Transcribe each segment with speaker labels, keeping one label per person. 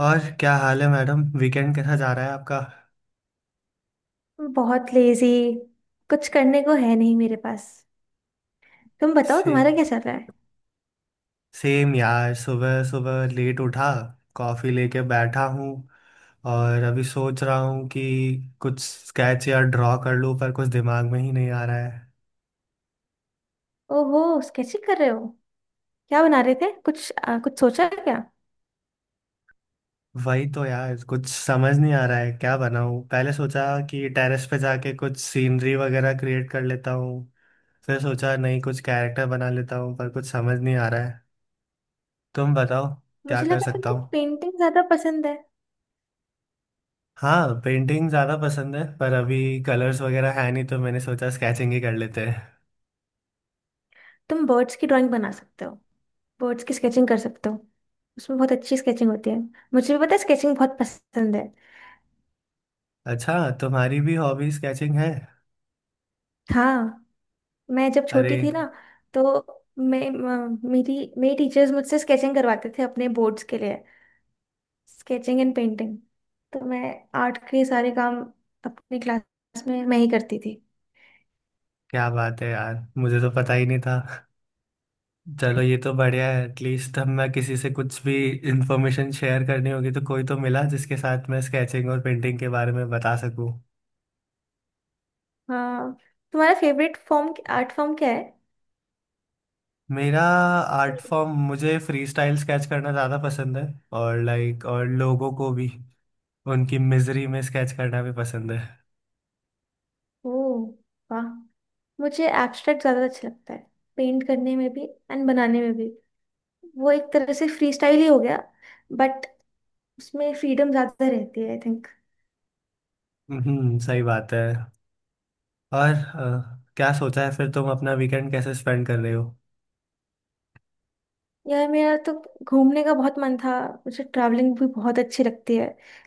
Speaker 1: और क्या हाल है मैडम। वीकेंड कैसा जा रहा है आपका?
Speaker 2: बहुत लेजी। कुछ करने को है नहीं मेरे पास। तुम बताओ
Speaker 1: से
Speaker 2: तुम्हारा क्या चल रहा है?
Speaker 1: सेम यार, सुबह सुबह लेट उठा, कॉफ़ी लेके बैठा हूँ और अभी सोच रहा हूँ कि कुछ स्केच या ड्रॉ कर लूँ, पर कुछ दिमाग में ही नहीं आ रहा है।
Speaker 2: ओहो स्केचिंग कर रहे हो। क्या बना रहे थे, कुछ कुछ सोचा है क्या?
Speaker 1: वही तो यार, कुछ समझ नहीं आ रहा है क्या बनाऊँ। पहले सोचा कि टेरेस पे जाके कुछ सीनरी वगैरह क्रिएट कर लेता हूँ, फिर सोचा नहीं कुछ कैरेक्टर बना लेता हूँ, पर कुछ समझ नहीं आ रहा है। तुम बताओ क्या
Speaker 2: मुझे
Speaker 1: कर
Speaker 2: लगा
Speaker 1: सकता
Speaker 2: तुम्हें
Speaker 1: हूँ।
Speaker 2: पेंटिंग ज्यादा पसंद है।
Speaker 1: हाँ, पेंटिंग ज़्यादा पसंद है, पर अभी कलर्स वगैरह है नहीं, तो मैंने सोचा स्केचिंग ही कर लेते हैं।
Speaker 2: तुम बर्ड्स की ड्राइंग बना सकते हो। बर्ड्स की स्केचिंग कर सकते हो। उसमें बहुत अच्छी स्केचिंग होती है। मुझे भी पता है, स्केचिंग बहुत पसंद है।
Speaker 1: अच्छा, तुम्हारी भी हॉबी स्केचिंग है?
Speaker 2: हाँ। मैं जब
Speaker 1: अरे
Speaker 2: छोटी थी ना, तो मैं म- मेरी मेरी टीचर्स मुझसे स्केचिंग करवाते थे अपने बोर्ड्स के लिए। Sketching and painting. तो मैं आर्ट के सारे काम अपनी क्लास में मैं ही करती थी।
Speaker 1: क्या बात है यार, मुझे तो पता ही नहीं था। चलो ये तो बढ़िया है, एटलीस्ट हम मैं किसी से कुछ भी इंफॉर्मेशन शेयर करनी होगी तो कोई तो मिला जिसके साथ मैं स्केचिंग और पेंटिंग के बारे में बता सकूँ।
Speaker 2: हाँ। तुम्हारा फेवरेट फॉर्म आर्ट फॉर्म क्या है?
Speaker 1: मेरा आर्ट फॉर्म, मुझे फ्री स्टाइल स्केच करना ज़्यादा पसंद है, और लाइक और लोगों को भी, उनकी मिजरी में स्केच करना भी पसंद है।
Speaker 2: ओ, वाह। मुझे एब्स्ट्रैक्ट ज्यादा अच्छा लगता है, पेंट करने में भी एंड बनाने में भी। वो एक तरह से फ्री स्टाइल ही हो गया, बट उसमें फ्रीडम ज्यादा रहती है आई थिंक।
Speaker 1: हम्म, सही बात है। और क्या सोचा है फिर तुम अपना वीकेंड कैसे स्पेंड कर रहे हो?
Speaker 2: यार मेरा तो घूमने का बहुत मन था। मुझे ट्रैवलिंग भी बहुत अच्छी लगती है,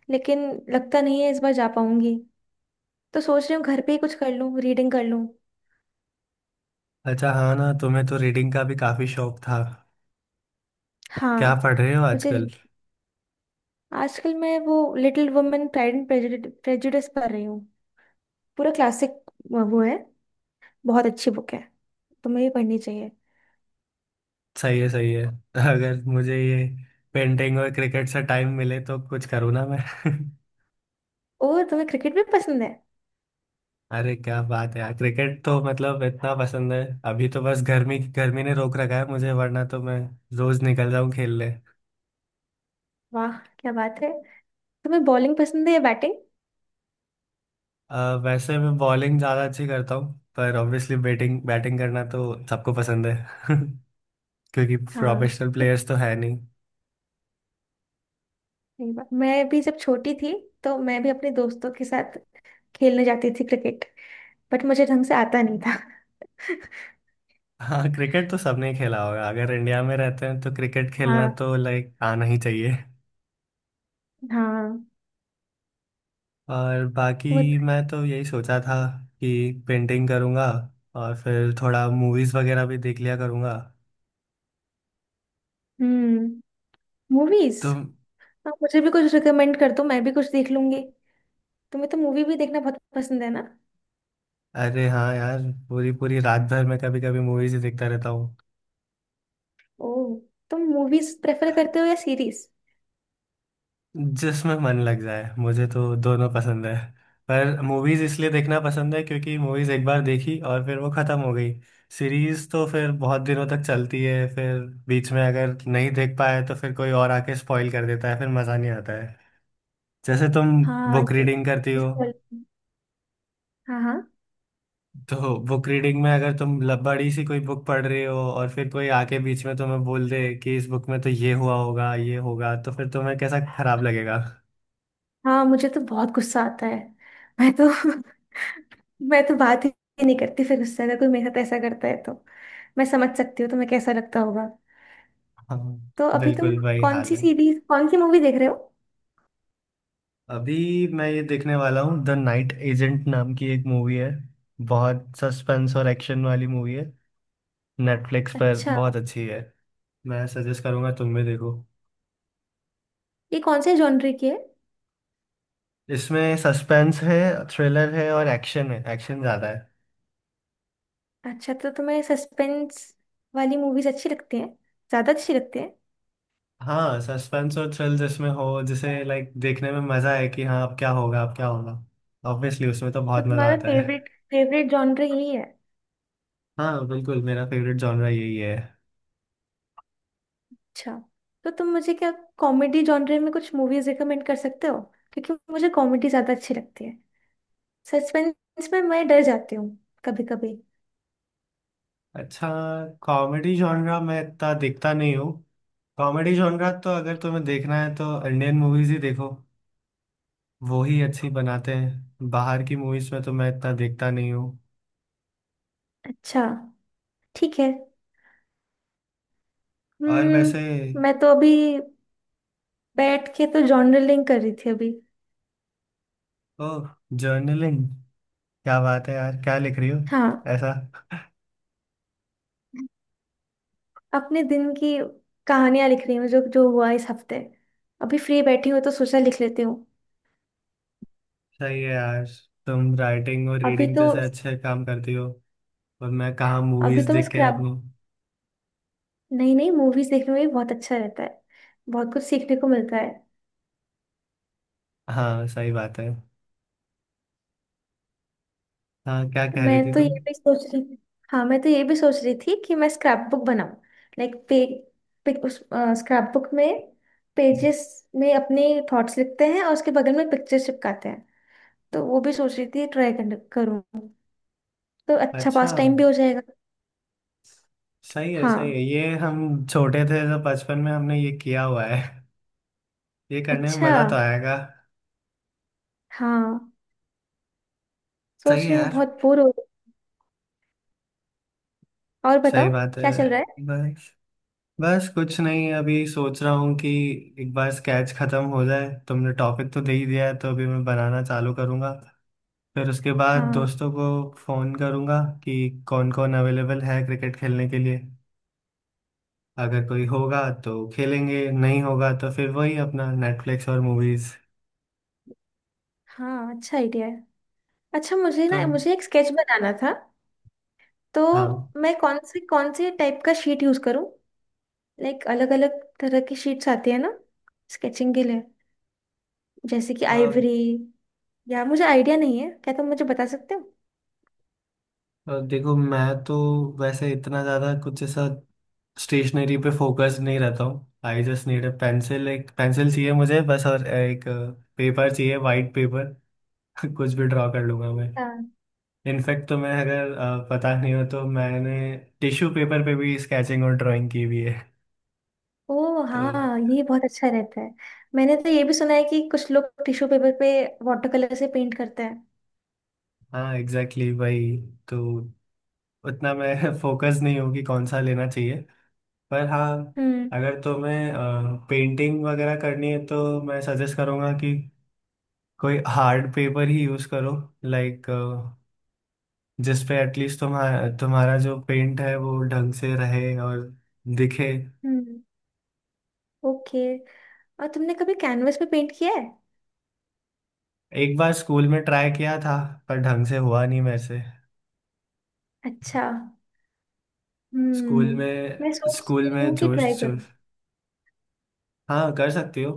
Speaker 2: लेकिन लगता नहीं है इस बार जा पाऊंगी। तो सोच रही हूँ घर पे ही कुछ कर लूँ, रीडिंग कर लूँ।
Speaker 1: अच्छा, हाँ ना, तुम्हें तो रीडिंग का भी काफी शौक था।
Speaker 2: हाँ।
Speaker 1: क्या पढ़ रहे हो
Speaker 2: मुझे
Speaker 1: आजकल?
Speaker 2: आजकल मैं वो Little Women, Pride and Prejudice पढ़ रही हूँ। पूरा क्लासिक वो है, बहुत अच्छी बुक है, तुम्हें भी पढ़नी चाहिए।
Speaker 1: सही है सही है। अगर मुझे ये पेंटिंग और क्रिकेट से टाइम मिले तो कुछ करूँ ना मैं।
Speaker 2: और तुम्हें क्रिकेट भी पसंद है?
Speaker 1: अरे क्या बात है यार, क्रिकेट तो मतलब इतना पसंद है। अभी तो बस गर्मी गर्मी ने रोक रखा है मुझे, वरना तो मैं रोज निकल जाऊँ खेलने।
Speaker 2: वाह, क्या बात है। तुम्हें बॉलिंग पसंद है या बैटिंग?
Speaker 1: वैसे मैं बॉलिंग ज्यादा अच्छी करता हूँ, पर ऑब्वियसली बैटिंग बैटिंग करना तो सबको पसंद है। क्योंकि
Speaker 2: हाँ
Speaker 1: प्रोफेशनल प्लेयर्स तो है नहीं।
Speaker 2: सही बात। मैं भी जब छोटी थी, तो मैं भी अपने दोस्तों के साथ खेलने जाती थी क्रिकेट। बट मुझे ढंग से आता नहीं था।
Speaker 1: हाँ, क्रिकेट तो सबने खेला होगा, अगर इंडिया में रहते हैं तो क्रिकेट
Speaker 2: हाँ।
Speaker 1: खेलना तो लाइक आना ही चाहिए।
Speaker 2: हाँ।
Speaker 1: और
Speaker 2: वो।
Speaker 1: बाकी मैं तो यही सोचा था कि पेंटिंग करूँगा और फिर थोड़ा मूवीज़ वगैरह भी देख लिया करूँगा
Speaker 2: हम्म। मूवीज।
Speaker 1: तो।
Speaker 2: हाँ, मुझे भी कुछ रिकमेंड कर दो, मैं भी कुछ देख लूंगी। तुम्हें तो मूवी भी देखना बहुत पसंद है ना?
Speaker 1: अरे हाँ यार, पूरी पूरी रात भर मैं कभी कभी मूवीज़ ही देखता रहता हूँ।
Speaker 2: ओह। तुम मूवीज प्रेफर करते हो या सीरीज?
Speaker 1: जिसमें मन लग जाए, मुझे तो दोनों पसंद है, पर मूवीज इसलिए देखना पसंद है क्योंकि मूवीज एक बार देखी और फिर वो खत्म हो गई। सीरीज तो फिर बहुत दिनों तक चलती है, फिर बीच में अगर नहीं देख पाए तो फिर कोई और आके स्पॉइल कर देता है, फिर मजा नहीं आता है। जैसे तुम
Speaker 2: हाँ,
Speaker 1: बुक
Speaker 2: ये।
Speaker 1: रीडिंग करती
Speaker 2: इस
Speaker 1: हो,
Speaker 2: quality- हाँ, हाँ।
Speaker 1: तो बुक रीडिंग में अगर तुम बड़ी सी कोई बुक पढ़ रहे हो और फिर कोई आके बीच में तुम्हें बोल दे कि इस बुक में तो ये हुआ होगा ये होगा, तो फिर तुम्हें कैसा खराब लगेगा।
Speaker 2: हाँ मुझे तो बहुत गुस्सा आता है। मैं तो मैं तो बात ही नहीं करती फिर, गुस्सा, अगर कोई मेरे साथ ऐसा करता है तो। मैं समझ सकती हूँ तुम्हें कैसा लगता होगा।
Speaker 1: हाँ,
Speaker 2: तो अभी तुम
Speaker 1: बिल्कुल वही
Speaker 2: कौन
Speaker 1: हाल
Speaker 2: सी
Speaker 1: है।
Speaker 2: सीरीज, कौन सी मूवी देख रहे हो?
Speaker 1: अभी मैं ये देखने वाला हूँ, द नाइट एजेंट नाम की एक मूवी है, बहुत सस्पेंस और एक्शन वाली मूवी है, नेटफ्लिक्स पर
Speaker 2: अच्छा।
Speaker 1: बहुत अच्छी है। मैं सजेस्ट करूँगा, तुम भी देखो।
Speaker 2: ये कौन से जॉनर की है?
Speaker 1: इसमें सस्पेंस है, थ्रिलर है और एक्शन है, एक्शन ज़्यादा है।
Speaker 2: अच्छा, तो तुम्हें सस्पेंस वाली मूवीज अच्छी लगती हैं, ज्यादा अच्छी लगती हैं।
Speaker 1: हाँ, सस्पेंस और थ्रिल जिसमें हो, जिसे लाइक देखने में मज़ा है कि हाँ अब क्या होगा अब क्या होगा, ऑब्वियसली उसमें तो
Speaker 2: तो
Speaker 1: बहुत मज़ा
Speaker 2: तुम्हारा
Speaker 1: आता है।
Speaker 2: फेवरेट फेवरेट जॉनर यही है?
Speaker 1: हाँ बिल्कुल, मेरा फेवरेट जॉनरा यही है।
Speaker 2: अच्छा। तो तुम मुझे क्या कॉमेडी जॉनर में कुछ मूवीज रिकमेंड कर सकते हो? क्योंकि मुझे कॉमेडी ज्यादा अच्छी लगती है, सस्पेंस में मैं डर जाती हूँ कभी कभी।
Speaker 1: अच्छा, कॉमेडी जॉनरा मैं इतना देखता नहीं हूँ। कॉमेडी जॉनरा तो अगर तुम्हें देखना है तो इंडियन मूवीज ही देखो, वो ही अच्छी बनाते हैं, बाहर की मूवीज में तो मैं इतना देखता नहीं हूँ।
Speaker 2: अच्छा। ठीक है।
Speaker 1: और वैसे,
Speaker 2: मैं तो अभी बैठ के तो जॉनर लिंक कर रही थी अभी।
Speaker 1: ओ जर्नलिंग, क्या बात है यार, क्या लिख रही हो
Speaker 2: हाँ,
Speaker 1: ऐसा?
Speaker 2: अपने दिन की कहानियां लिख रही हूँ, जो जो हुआ इस हफ्ते। अभी फ्री बैठी हूँ तो सोचा लिख लेती हूँ।
Speaker 1: सही है यार, तुम राइटिंग और
Speaker 2: अभी
Speaker 1: रीडिंग
Speaker 2: तो।
Speaker 1: जैसे अच्छे काम करती हो, और मैं कहाँ
Speaker 2: अभी
Speaker 1: मूवीज
Speaker 2: तो मैं
Speaker 1: देख के
Speaker 2: स्क्रैप।
Speaker 1: अपनी।
Speaker 2: नहीं नहीं, मूवीज देखने में भी बहुत अच्छा रहता है, बहुत कुछ सीखने को मिलता है।
Speaker 1: हाँ, सही बात है। हाँ, क्या कह रही
Speaker 2: मैं
Speaker 1: थी
Speaker 2: तो ये
Speaker 1: तुम?
Speaker 2: भी सोच रही थी। हाँ, मैं तो ये भी सोच रही थी कि मैं स्क्रैप बुक बनाऊं। लाइक पे उस स्क्रैप बुक में, पेजेस में अपने थॉट्स लिखते हैं और उसके बगल में पिक्चर्स चिपकाते हैं। तो वो भी सोच रही थी ट्राई करूँ, तो अच्छा
Speaker 1: अच्छा,
Speaker 2: पास टाइम भी हो जाएगा।
Speaker 1: सही है सही है,
Speaker 2: हाँ।
Speaker 1: ये हम छोटे थे तो बचपन में हमने ये किया हुआ है, ये करने में
Speaker 2: अच्छा।
Speaker 1: मजा तो आएगा।
Speaker 2: हाँ,
Speaker 1: सही
Speaker 2: सोच
Speaker 1: है
Speaker 2: रही हूँ
Speaker 1: यार,
Speaker 2: बहुत बोर हो रही हूँ। और
Speaker 1: सही
Speaker 2: बताओ
Speaker 1: बात है।
Speaker 2: क्या चल रहा है?
Speaker 1: बस, बस कुछ नहीं, अभी सोच रहा हूँ कि एक बार स्केच खत्म हो जाए, तुमने टॉपिक तो दे ही दिया है तो अभी मैं बनाना चालू करूँगा, फिर उसके बाद
Speaker 2: हाँ।
Speaker 1: दोस्तों को फ़ोन करूँगा कि कौन कौन अवेलेबल है क्रिकेट खेलने के लिए, अगर कोई होगा तो खेलेंगे, नहीं होगा तो फिर वही अपना नेटफ्लिक्स और मूवीज़
Speaker 2: हाँ, अच्छा आइडिया है। अच्छा, मुझे
Speaker 1: तो।
Speaker 2: ना मुझे एक स्केच बनाना था। तो मैं कौन से टाइप का शीट यूज करूं? लाइक अलग अलग तरह की शीट्स आती है ना, स्केचिंग के लिए, जैसे कि
Speaker 1: हाँ,
Speaker 2: आइवरी, या मुझे आइडिया नहीं है, क्या तुम मुझे बता सकते हो?
Speaker 1: देखो, मैं तो वैसे इतना ज़्यादा कुछ ऐसा स्टेशनरी पे फोकस नहीं रहता हूँ। I just need a pencil, एक पेंसिल चाहिए मुझे बस, और एक पेपर चाहिए, वाइट पेपर। कुछ भी ड्रॉ कर लूँगा मैं।
Speaker 2: हाँ।
Speaker 1: इनफैक्ट तो मैं, अगर पता नहीं हो तो, मैंने टिश्यू पेपर पे भी स्केचिंग और ड्राइंग की हुई है।
Speaker 2: ओ
Speaker 1: तो
Speaker 2: हाँ, ये बहुत अच्छा रहता है। मैंने तो ये भी सुना है कि कुछ लोग टिश्यू पेपर पे वाटर कलर से पेंट करते हैं।
Speaker 1: हाँ एग्जैक्टली, वही तो। उतना मैं फोकस नहीं हूँ कि कौन सा लेना चाहिए, पर हाँ,
Speaker 2: हम्म।
Speaker 1: अगर तुम्हें पेंटिंग वगैरह करनी है तो मैं सजेस्ट करूँगा कि कोई हार्ड पेपर ही यूज करो, लाइक जिस पे एटलीस्ट तुम्हारा तुम्हारा जो पेंट है वो ढंग से रहे और दिखे।
Speaker 2: हम्म, ओके। और तुमने कभी कैनवस पे पेंट किया है?
Speaker 1: एक बार स्कूल में ट्राई किया था, पर ढंग से हुआ नहीं मेरे से।
Speaker 2: अच्छा।
Speaker 1: स्कूल
Speaker 2: हम्म,
Speaker 1: में,
Speaker 2: मैं सोच
Speaker 1: स्कूल
Speaker 2: रही
Speaker 1: में
Speaker 2: हूँ कि
Speaker 1: जोश
Speaker 2: ट्राई करूँ।
Speaker 1: जोश हाँ, कर सकती हो।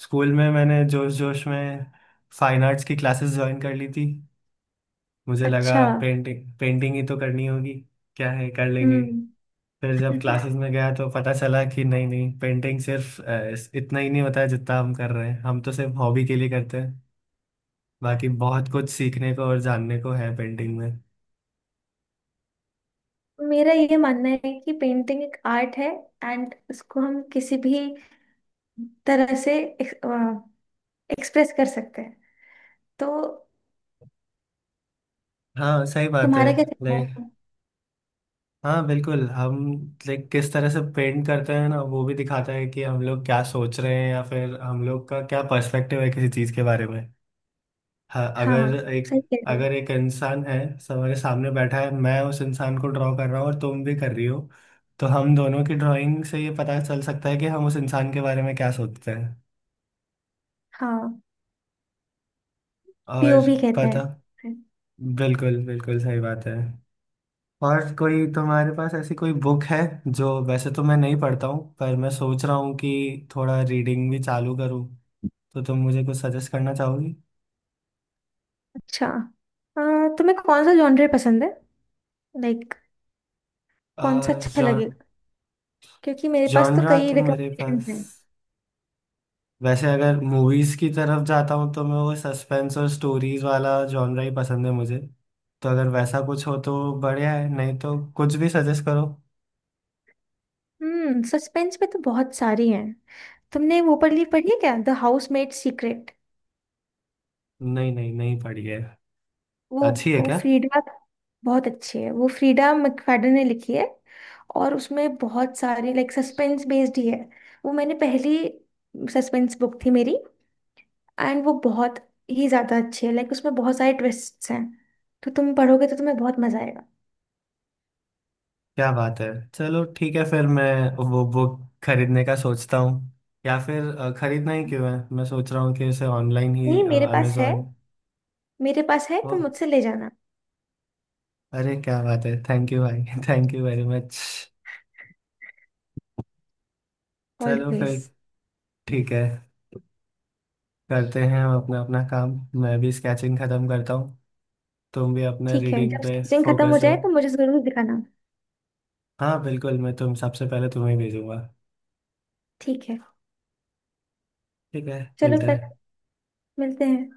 Speaker 1: स्कूल में मैंने जोश जोश में फाइन आर्ट्स की क्लासेस ज्वाइन कर ली थी। मुझे लगा
Speaker 2: अच्छा।
Speaker 1: पेंटिंग पेंटिंग ही तो करनी होगी, क्या है कर लेंगे।
Speaker 2: हम्म।
Speaker 1: फिर जब क्लासेस में गया तो पता चला कि नहीं नहीं, पेंटिंग सिर्फ इतना ही नहीं होता है जितना हम कर रहे हैं, हम तो सिर्फ हॉबी के लिए करते हैं, बाकी बहुत कुछ सीखने को और जानने को है पेंटिंग में।
Speaker 2: मेरा ये मानना है कि पेंटिंग एक आर्ट है, एंड इसको हम किसी भी तरह से एक्सप्रेस कर सकते हैं। तो
Speaker 1: हाँ सही बात है।
Speaker 2: तुम्हारा क्या कहना
Speaker 1: लाइक
Speaker 2: है?
Speaker 1: हाँ बिल्कुल, हम लाइक किस तरह से पेंट करते हैं ना, वो भी दिखाता है कि हम लोग क्या सोच रहे हैं या फिर हम लोग का क्या पर्सपेक्टिव है किसी चीज़ के बारे में। हाँ,
Speaker 2: हाँ
Speaker 1: अगर एक
Speaker 2: सही कह रहे हो।
Speaker 1: अगर एक इंसान है हमारे सामने बैठा है, मैं उस इंसान को ड्रॉ कर रहा हूँ और तुम भी कर रही हो, तो हम दोनों की ड्राइंग से ये पता चल सकता है कि हम उस इंसान के बारे में क्या सोचते हैं।
Speaker 2: हाँ,
Speaker 1: और
Speaker 2: पीओवी कहते
Speaker 1: पता
Speaker 2: हैं।
Speaker 1: बिल्कुल बिल्कुल सही बात है। और कोई तुम्हारे पास ऐसी कोई बुक है जो, वैसे तो मैं नहीं पढ़ता हूँ, पर मैं सोच रहा हूँ कि थोड़ा रीडिंग भी चालू करूँ, तो तुम मुझे कुछ सजेस्ट करना चाहोगी?
Speaker 2: अच्छा। तुम्हें कौन सा जॉनर पसंद है? लाइक, कौन सा अच्छा लगेगा? क्योंकि मेरे पास तो
Speaker 1: जॉनरा
Speaker 2: कई
Speaker 1: तो मेरे
Speaker 2: रिकमेंडेशन
Speaker 1: पास,
Speaker 2: हैं।
Speaker 1: वैसे अगर मूवीज की तरफ जाता हूँ तो मैं वो सस्पेंस और स्टोरीज वाला जॉनरा ही पसंद है मुझे, तो अगर वैसा कुछ हो तो बढ़िया है, नहीं तो कुछ भी सजेस्ट करो।
Speaker 2: सस्पेंस में तो बहुत सारी हैं। तुमने वो पढ़ी है क्या, द हाउसमेड सीक्रेट?
Speaker 1: नहीं नहीं नहीं पढ़ी है।
Speaker 2: वो
Speaker 1: अच्छी है
Speaker 2: वो
Speaker 1: क्या?
Speaker 2: फ्रीडा। बहुत अच्छी है, वो फ्रीडा मैकफadden ने लिखी है, और उसमें बहुत सारी, लाइक सस्पेंस बेस्ड ही है। वो मैंने, पहली सस्पेंस बुक थी मेरी, एंड वो बहुत ही ज्यादा अच्छी है, लाइक उसमें बहुत सारे ट्विस्ट्स हैं। तो तुम पढ़ोगे तो तुम्हें बहुत मजा आएगा।
Speaker 1: क्या बात है, चलो ठीक है फिर मैं वो बुक खरीदने का सोचता हूँ, या फिर खरीदना ही क्यों है, मैं सोच रहा हूँ कि इसे ऑनलाइन ही
Speaker 2: नहीं, मेरे पास है।
Speaker 1: अमेजोन।
Speaker 2: मेरे पास है,
Speaker 1: ओ,
Speaker 2: तुम मुझसे ले जाना।
Speaker 1: अरे क्या बात है, थैंक यू भाई। Thank you very much. चलो फिर,
Speaker 2: ऑलवेज।
Speaker 1: ठीक है, करते हैं हम अपना अपना काम, मैं भी स्केचिंग खत्म करता हूँ, तुम भी अपने
Speaker 2: ठीक है,
Speaker 1: रीडिंग
Speaker 2: जब
Speaker 1: पे
Speaker 2: स्केचिंग खत्म हो
Speaker 1: फोकस
Speaker 2: जाए तो
Speaker 1: रहो।
Speaker 2: मुझे जरूर दिखाना।
Speaker 1: हाँ बिल्कुल, मैं तुम सबसे पहले तुम्हें भेजूंगा।
Speaker 2: ठीक है।
Speaker 1: ठीक है,
Speaker 2: चलो
Speaker 1: मिलते
Speaker 2: फिर,
Speaker 1: हैं।
Speaker 2: मिलते हैं।